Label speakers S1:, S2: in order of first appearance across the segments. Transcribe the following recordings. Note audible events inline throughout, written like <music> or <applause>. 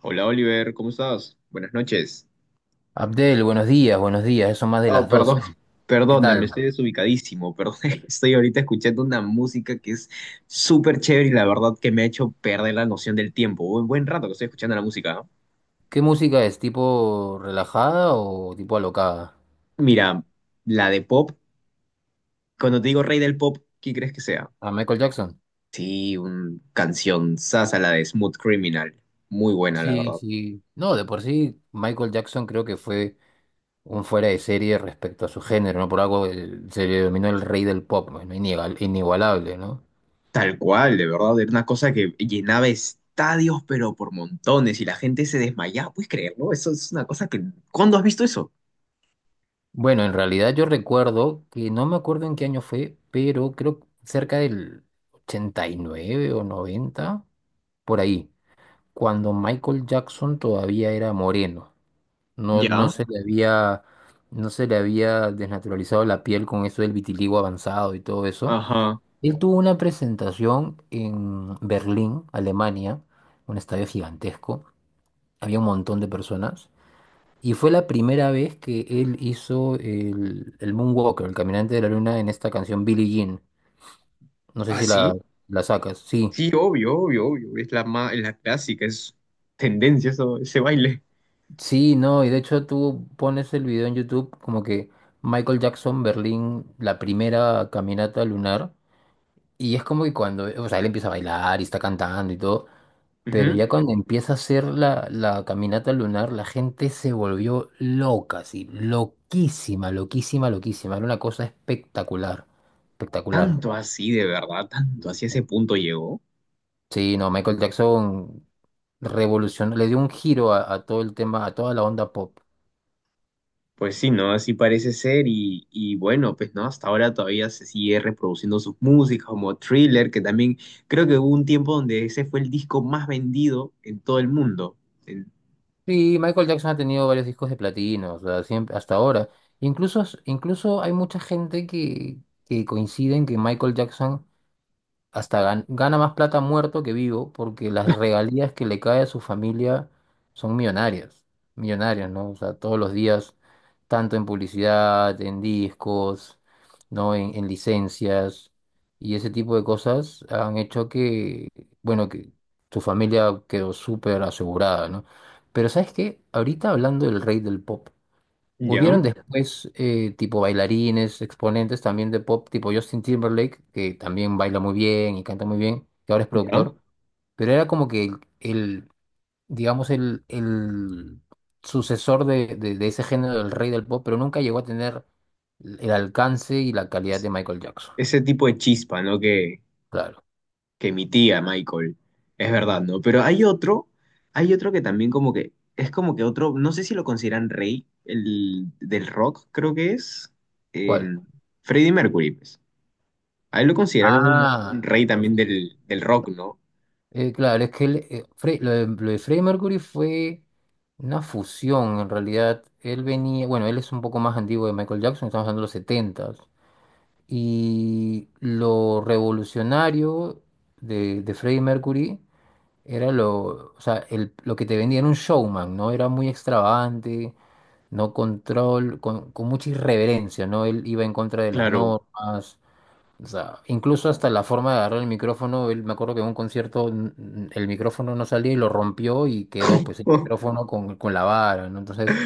S1: Hola Oliver, ¿cómo estás? Buenas noches.
S2: Abdel, buenos días, ya son más de
S1: Oh,
S2: las
S1: perdón,
S2: 12.
S1: <laughs>
S2: ¿Qué
S1: perdona, me
S2: tal?
S1: estoy desubicadísimo, perdón. <laughs> Estoy ahorita escuchando una música que es súper chévere y la verdad que me ha hecho perder la noción del tiempo. Un buen rato que estoy escuchando la música, ¿no?
S2: ¿Qué música es? ¿Tipo relajada o tipo alocada?
S1: Mira, la de pop, cuando te digo rey del pop, ¿qué crees que sea?
S2: ¿A Michael Jackson?
S1: Sí, una canción sasa, la de Smooth Criminal. Muy buena, la
S2: Sí,
S1: verdad.
S2: sí. No, de por sí, Michael Jackson creo que fue un fuera de serie respecto a su género, ¿no? Por algo se le denominó el rey del pop, bueno, inigualable, ¿no?
S1: Tal cual, de verdad, era una cosa que llenaba estadios, pero por montones, y la gente se desmayaba, ¿puedes creerlo? Eso es una cosa que... ¿Cuándo has visto eso?
S2: Bueno, en realidad yo recuerdo que no me acuerdo en qué año fue, pero creo que cerca del 89 o 90 por ahí, cuando Michael Jackson todavía era moreno. No, no
S1: Ya,
S2: se le había, no se le había desnaturalizado la piel con eso del vitiligo avanzado y todo eso.
S1: ajá.
S2: Él tuvo una presentación en Berlín, Alemania, un estadio gigantesco. Había un montón de personas. Y fue la primera vez que él hizo el Moonwalker, el caminante de la luna, en esta canción Billie Jean. No sé
S1: ¿Ah,
S2: si la,
S1: sí?
S2: la sacas. Sí,
S1: Sí, obvio, obvio, obvio. Es la clásica, es tendencia eso, ese baile.
S2: sí, no. Y de hecho tú pones el video en YouTube como que Michael Jackson, Berlín, la primera caminata lunar. Y es como que cuando, o sea, él empieza a bailar y está cantando y todo, pero
S1: Ujú.
S2: ya cuando empieza a hacer la caminata lunar, la gente se volvió loca, así, loquísima, loquísima, loquísima. Era una cosa espectacular, espectacular.
S1: Tanto así, de verdad, tanto así a ese punto llegó.
S2: Sí, no, Michael Jackson revolucionó, le dio un giro a todo el tema, a toda la onda pop.
S1: Pues sí, ¿no? Así parece ser y, bueno, pues no, hasta ahora todavía se sigue reproduciendo sus músicas como Thriller, que también creo que hubo un tiempo donde ese fue el disco más vendido en todo el mundo. En-
S2: Sí, Michael Jackson ha tenido varios discos de platino, o sea, siempre, hasta ahora. Incluso hay mucha gente que coincide en que Michael Jackson hasta gana más plata muerto que vivo porque las regalías que le cae a su familia son millonarias, millonarias, ¿no? O sea, todos los días, tanto en publicidad, en discos, ¿no? En licencias y ese tipo de cosas han hecho que, bueno, que su familia quedó súper asegurada, ¿no? Pero ¿sabes qué? Ahorita hablando del rey del pop,
S1: ¿Ya?
S2: hubieron después tipo bailarines, exponentes también de pop, tipo Justin Timberlake, que también baila muy bien y canta muy bien, que ahora es
S1: ¿Ya?
S2: productor, pero era como que digamos, el sucesor de, de ese género del rey del pop, pero nunca llegó a tener el alcance y la calidad
S1: Es-
S2: de Michael Jackson.
S1: ese tipo de chispa, ¿no?
S2: Claro.
S1: Que emitía Michael, es verdad, ¿no? Pero hay otro que también como que, es como que otro, no sé si lo consideran rey, el del rock creo que es,
S2: ¿Cuál?
S1: em, Freddie Mercury, pues. A él lo consideraron un
S2: Ah,
S1: rey
S2: no,
S1: también
S2: sí.
S1: del, del rock, ¿no?
S2: Claro, es que él, lo de Freddie Mercury fue una fusión, en realidad. Él venía, bueno, él es un poco más antiguo de Michael Jackson, estamos hablando de los 70. Y lo revolucionario de Freddie Mercury era lo, o sea, lo que te vendía era un showman, ¿no? Era muy extravagante, no control, con mucha irreverencia, ¿no? Él iba en contra de las
S1: Claro.
S2: normas, o sea, incluso hasta la forma de agarrar el micrófono, él me acuerdo que en un concierto el micrófono no salía y lo rompió y quedó pues el
S1: Oh,
S2: micrófono con la vara, ¿no? Entonces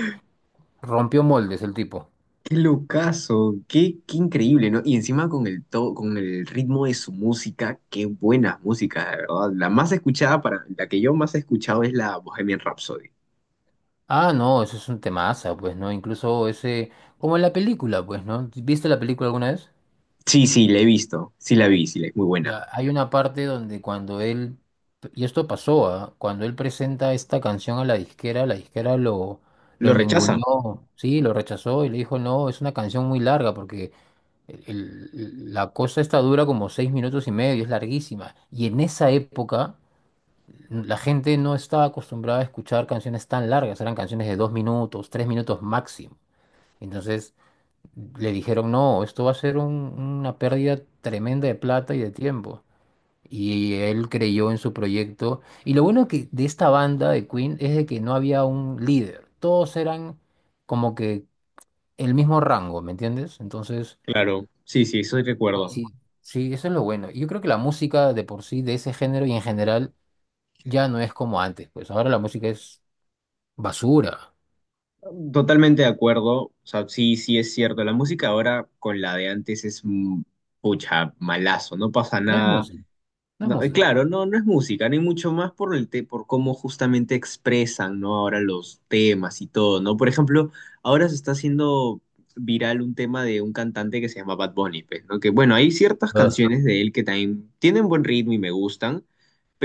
S2: rompió moldes el tipo.
S1: qué locazo, qué, qué increíble, ¿no? Y encima con el to- con el ritmo de su música, qué buena música, de verdad. La más escuchada para, la que yo más he escuchado es la Bohemian Rhapsody.
S2: Ah, no, eso es un temaza, pues, ¿no? Incluso ese, como en la película, pues, ¿no? ¿Viste la película alguna vez?
S1: Sí, sí, la he visto, sí la vi, sí, la, muy buena.
S2: Ya, hay una parte donde cuando él, y esto pasó, ¿ah? Cuando él presenta esta canción a la disquera lo
S1: ¿Lo rechazan?
S2: ninguneó, sí, lo rechazó y le dijo, no, es una canción muy larga porque... la cosa esta dura como 6 minutos y medio, es larguísima. Y en esa época la gente no estaba acostumbrada a escuchar canciones tan largas, eran canciones de 2 minutos, 3 minutos máximo. Entonces le dijeron, no, esto va a ser una pérdida tremenda de plata y de tiempo. Y él creyó en su proyecto. Y lo bueno que de esta banda de Queen es de que no había un líder. Todos eran como que el mismo rango, ¿me entiendes? Entonces
S1: Claro, sí, sí, eso sí
S2: oye,
S1: recuerdo.
S2: sí, sí, eso es lo bueno. Y yo creo que la música de por sí, de ese género y en general, ya no es como antes. Pues ahora la música es basura.
S1: Totalmente de acuerdo, o sea, sí, sí es cierto, la música ahora con la de antes es, pucha, malazo, no pasa
S2: No es
S1: nada.
S2: música, no es
S1: No,
S2: música.
S1: claro, no, no es música, ni mucho más por el te- por cómo justamente expresan, ¿no? Ahora los temas y todo, ¿no? Por ejemplo, ahora se está haciendo viral un tema de un cantante que se llama Bad Bunny, pues, ¿no? Que bueno, hay ciertas
S2: Ah.
S1: canciones de él que también tienen buen ritmo y me gustan,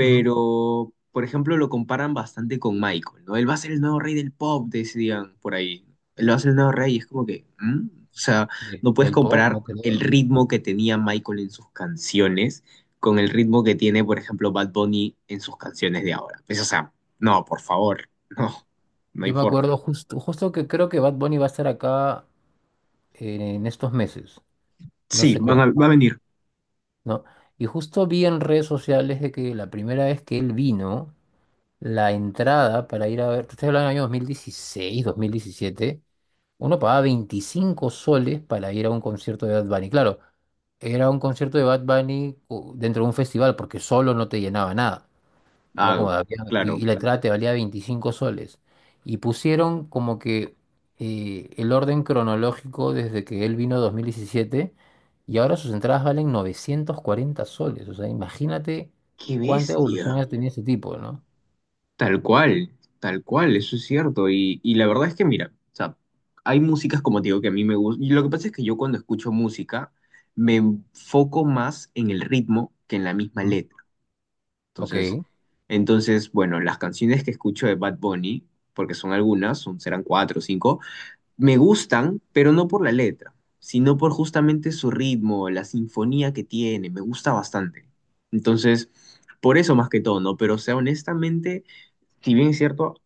S2: Ujú.
S1: por ejemplo lo comparan bastante con Michael, ¿no? Él va a ser el nuevo rey del pop, decían por ahí. Él va a ser el nuevo rey y es como que, ¿mm? O sea, no puedes
S2: Del pop,
S1: comparar
S2: no
S1: el
S2: creo.
S1: ritmo que tenía Michael en sus canciones con el ritmo que tiene, por ejemplo, Bad Bunny en sus canciones de ahora. Pues, o sea, no, por favor, <laughs> no, no hay
S2: Yo me
S1: forma.
S2: acuerdo justo, justo que creo que Bad Bunny va a estar acá en estos meses, no
S1: Sí,
S2: sé
S1: van
S2: cuándo,
S1: a- va a venir.
S2: ¿no? Y justo vi en redes sociales de que la primera vez que él vino, la entrada para ir a ver, te estoy hablando del año 2016, 2017. Uno pagaba 25 soles para ir a un concierto de Bad Bunny. Claro, era un concierto de Bad Bunny dentro de un festival porque solo no te llenaba nada. Era
S1: Ah,
S2: como,
S1: claro.
S2: y la entrada te valía 25 soles. Y pusieron como que el orden cronológico desde que él vino 2017 y ahora sus entradas valen 940 soles. O sea, imagínate
S1: Qué
S2: cuánta
S1: bestia.
S2: evolución ha tenido ese tipo, ¿no?
S1: Tal cual, tal cual, eso es cierto. Y la verdad es que, mira, o sea, hay músicas como te digo que a mí me gustan. Y lo que pasa es que yo cuando escucho música me enfoco más en el ritmo que en la misma
S2: Mm.
S1: letra. Entonces,
S2: Ok.
S1: entonces, bueno, las canciones que escucho de Bad Bunny, porque son algunas, son, serán cuatro o cinco, me gustan, pero no por la letra, sino por justamente su ritmo, la sinfonía que tiene, me gusta bastante. Entonces, por eso más que todo, ¿no? Pero, o sea, honestamente si bien es cierto,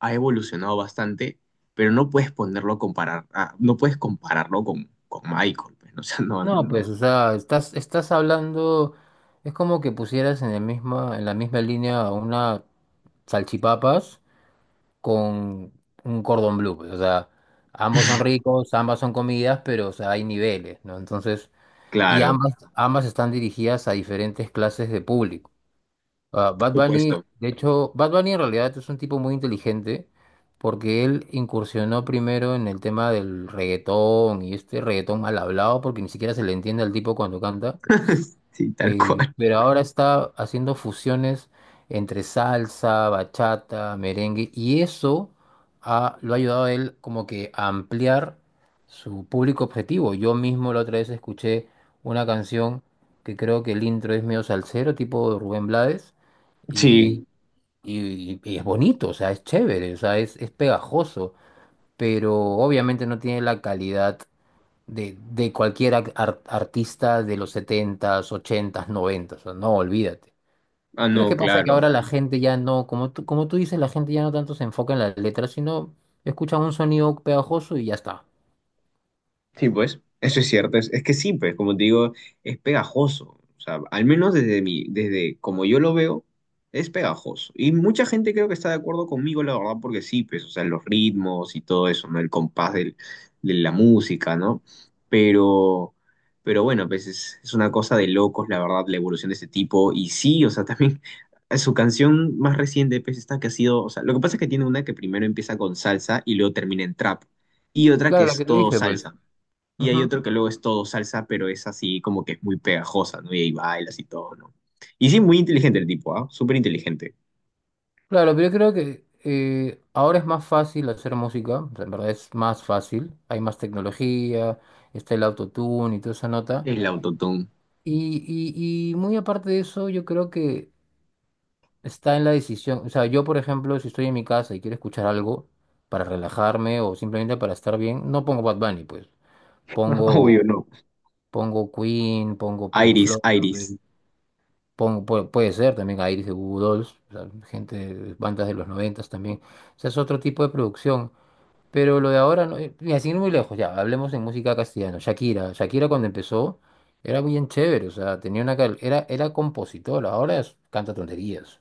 S1: ha evolucionado bastante, pero no puedes ponerlo a comparar, ah, no puedes compararlo con Michael, pues, ¿no? <laughs> O sea, no,
S2: No,
S1: no,
S2: pues, o sea, estás, estás hablando, es como que pusieras en el misma, en la misma línea una salchipapas con un cordón bleu, pues, o sea, ambos son ricos, ambas son comidas, pero, o sea, hay niveles, ¿no? Entonces, y
S1: claro,
S2: ambas, ambas están dirigidas a diferentes clases de público. Ah,
S1: por
S2: Bad Bunny,
S1: supuesto.
S2: de hecho, Bad Bunny en realidad es un tipo muy inteligente porque él incursionó primero en el tema del reggaetón y este reggaetón mal hablado porque ni siquiera se le entiende al tipo cuando canta.
S1: <laughs> Sí, tal cual.
S2: Pero ahora está haciendo fusiones entre salsa, bachata, merengue, y eso lo ha ayudado a él como que a ampliar su público objetivo. Yo mismo la otra vez escuché una canción que creo que el intro es medio salsero, tipo Rubén Blades,
S1: Sí,
S2: y, y es bonito, o sea, es chévere, o sea, es pegajoso, pero obviamente no tiene la calidad de cualquier artista de los setentas ochentas noventas o no, olvídate.
S1: ah,
S2: Pero es
S1: no,
S2: que pasa que
S1: claro.
S2: ahora la gente ya no, como tú dices, la gente ya no tanto se enfoca en las letras, sino escucha un sonido pegajoso y ya está.
S1: Sí, pues, eso es cierto. Es que sí, pues, como te digo, es pegajoso. O sea, al menos desde mi, desde como yo lo veo, es pegajoso. Y mucha gente creo que está de acuerdo conmigo, la verdad, porque sí, pues, o sea, los ritmos y todo eso, ¿no? El compás del- de la música, ¿no? Pero, pero bueno, pues es una cosa de locos, la verdad, la evolución de este tipo. Y sí, o sea, también <laughs> su canción más reciente, pues, esta que ha sido, o sea, lo que pasa es que tiene una que primero empieza con salsa y luego termina en trap. Y otra que
S2: Claro, la
S1: es
S2: que te
S1: todo
S2: dije, pues.
S1: salsa. Y hay
S2: Ujú.
S1: otro que luego es todo salsa, pero es así como que es muy pegajosa, ¿no? Y ahí bailas y todo, ¿no? Y sí, muy inteligente el tipo, ¿ah? Súper inteligente.
S2: Claro, pero yo creo que ahora es más fácil hacer música, o sea, en verdad es más fácil, hay más tecnología, está el autotune y toda esa nota.
S1: El autotune.
S2: Y muy aparte de eso, yo creo que está en la decisión. O sea, yo, por ejemplo, si estoy en mi casa y quiero escuchar algo para relajarme o simplemente para estar bien, no pongo Bad Bunny, pues.
S1: <laughs> Obvio,
S2: Pongo,
S1: no.
S2: pongo Queen, pongo Pink
S1: Iris,
S2: Floyd,
S1: Iris.
S2: pongo, puede, puede ser también a Iris de Goo Goo Dolls, o sea, gente, bandas de los noventas también. O sea, es otro tipo de producción. Pero lo de ahora, no, mira, sin ir muy lejos, ya, hablemos en música castellana. Shakira, Shakira cuando empezó era bien chévere, o sea, tenía una, era compositora, ahora canta tonterías.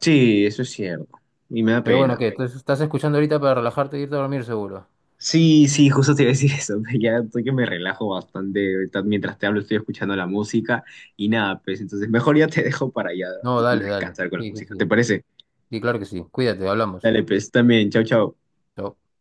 S1: Sí, eso es cierto. Y me da
S2: Pero
S1: pena.
S2: bueno, ¿qué? Entonces, ¿estás escuchando ahorita para relajarte e irte a dormir seguro?
S1: Sí, sí, justo te iba a decir eso. <laughs> Ya estoy que me relajo bastante ahorita. Mientras te hablo, estoy escuchando la música y nada, pues entonces mejor ya te <laughs> dejo para ya
S2: No,
S1: irme a
S2: dale, dale.
S1: descansar con la
S2: Sí, sí,
S1: música. ¿Te
S2: sí.
S1: parece?
S2: Sí, claro que sí. Cuídate, hablamos.
S1: Dale, pues también. Chau, chau.
S2: Chao.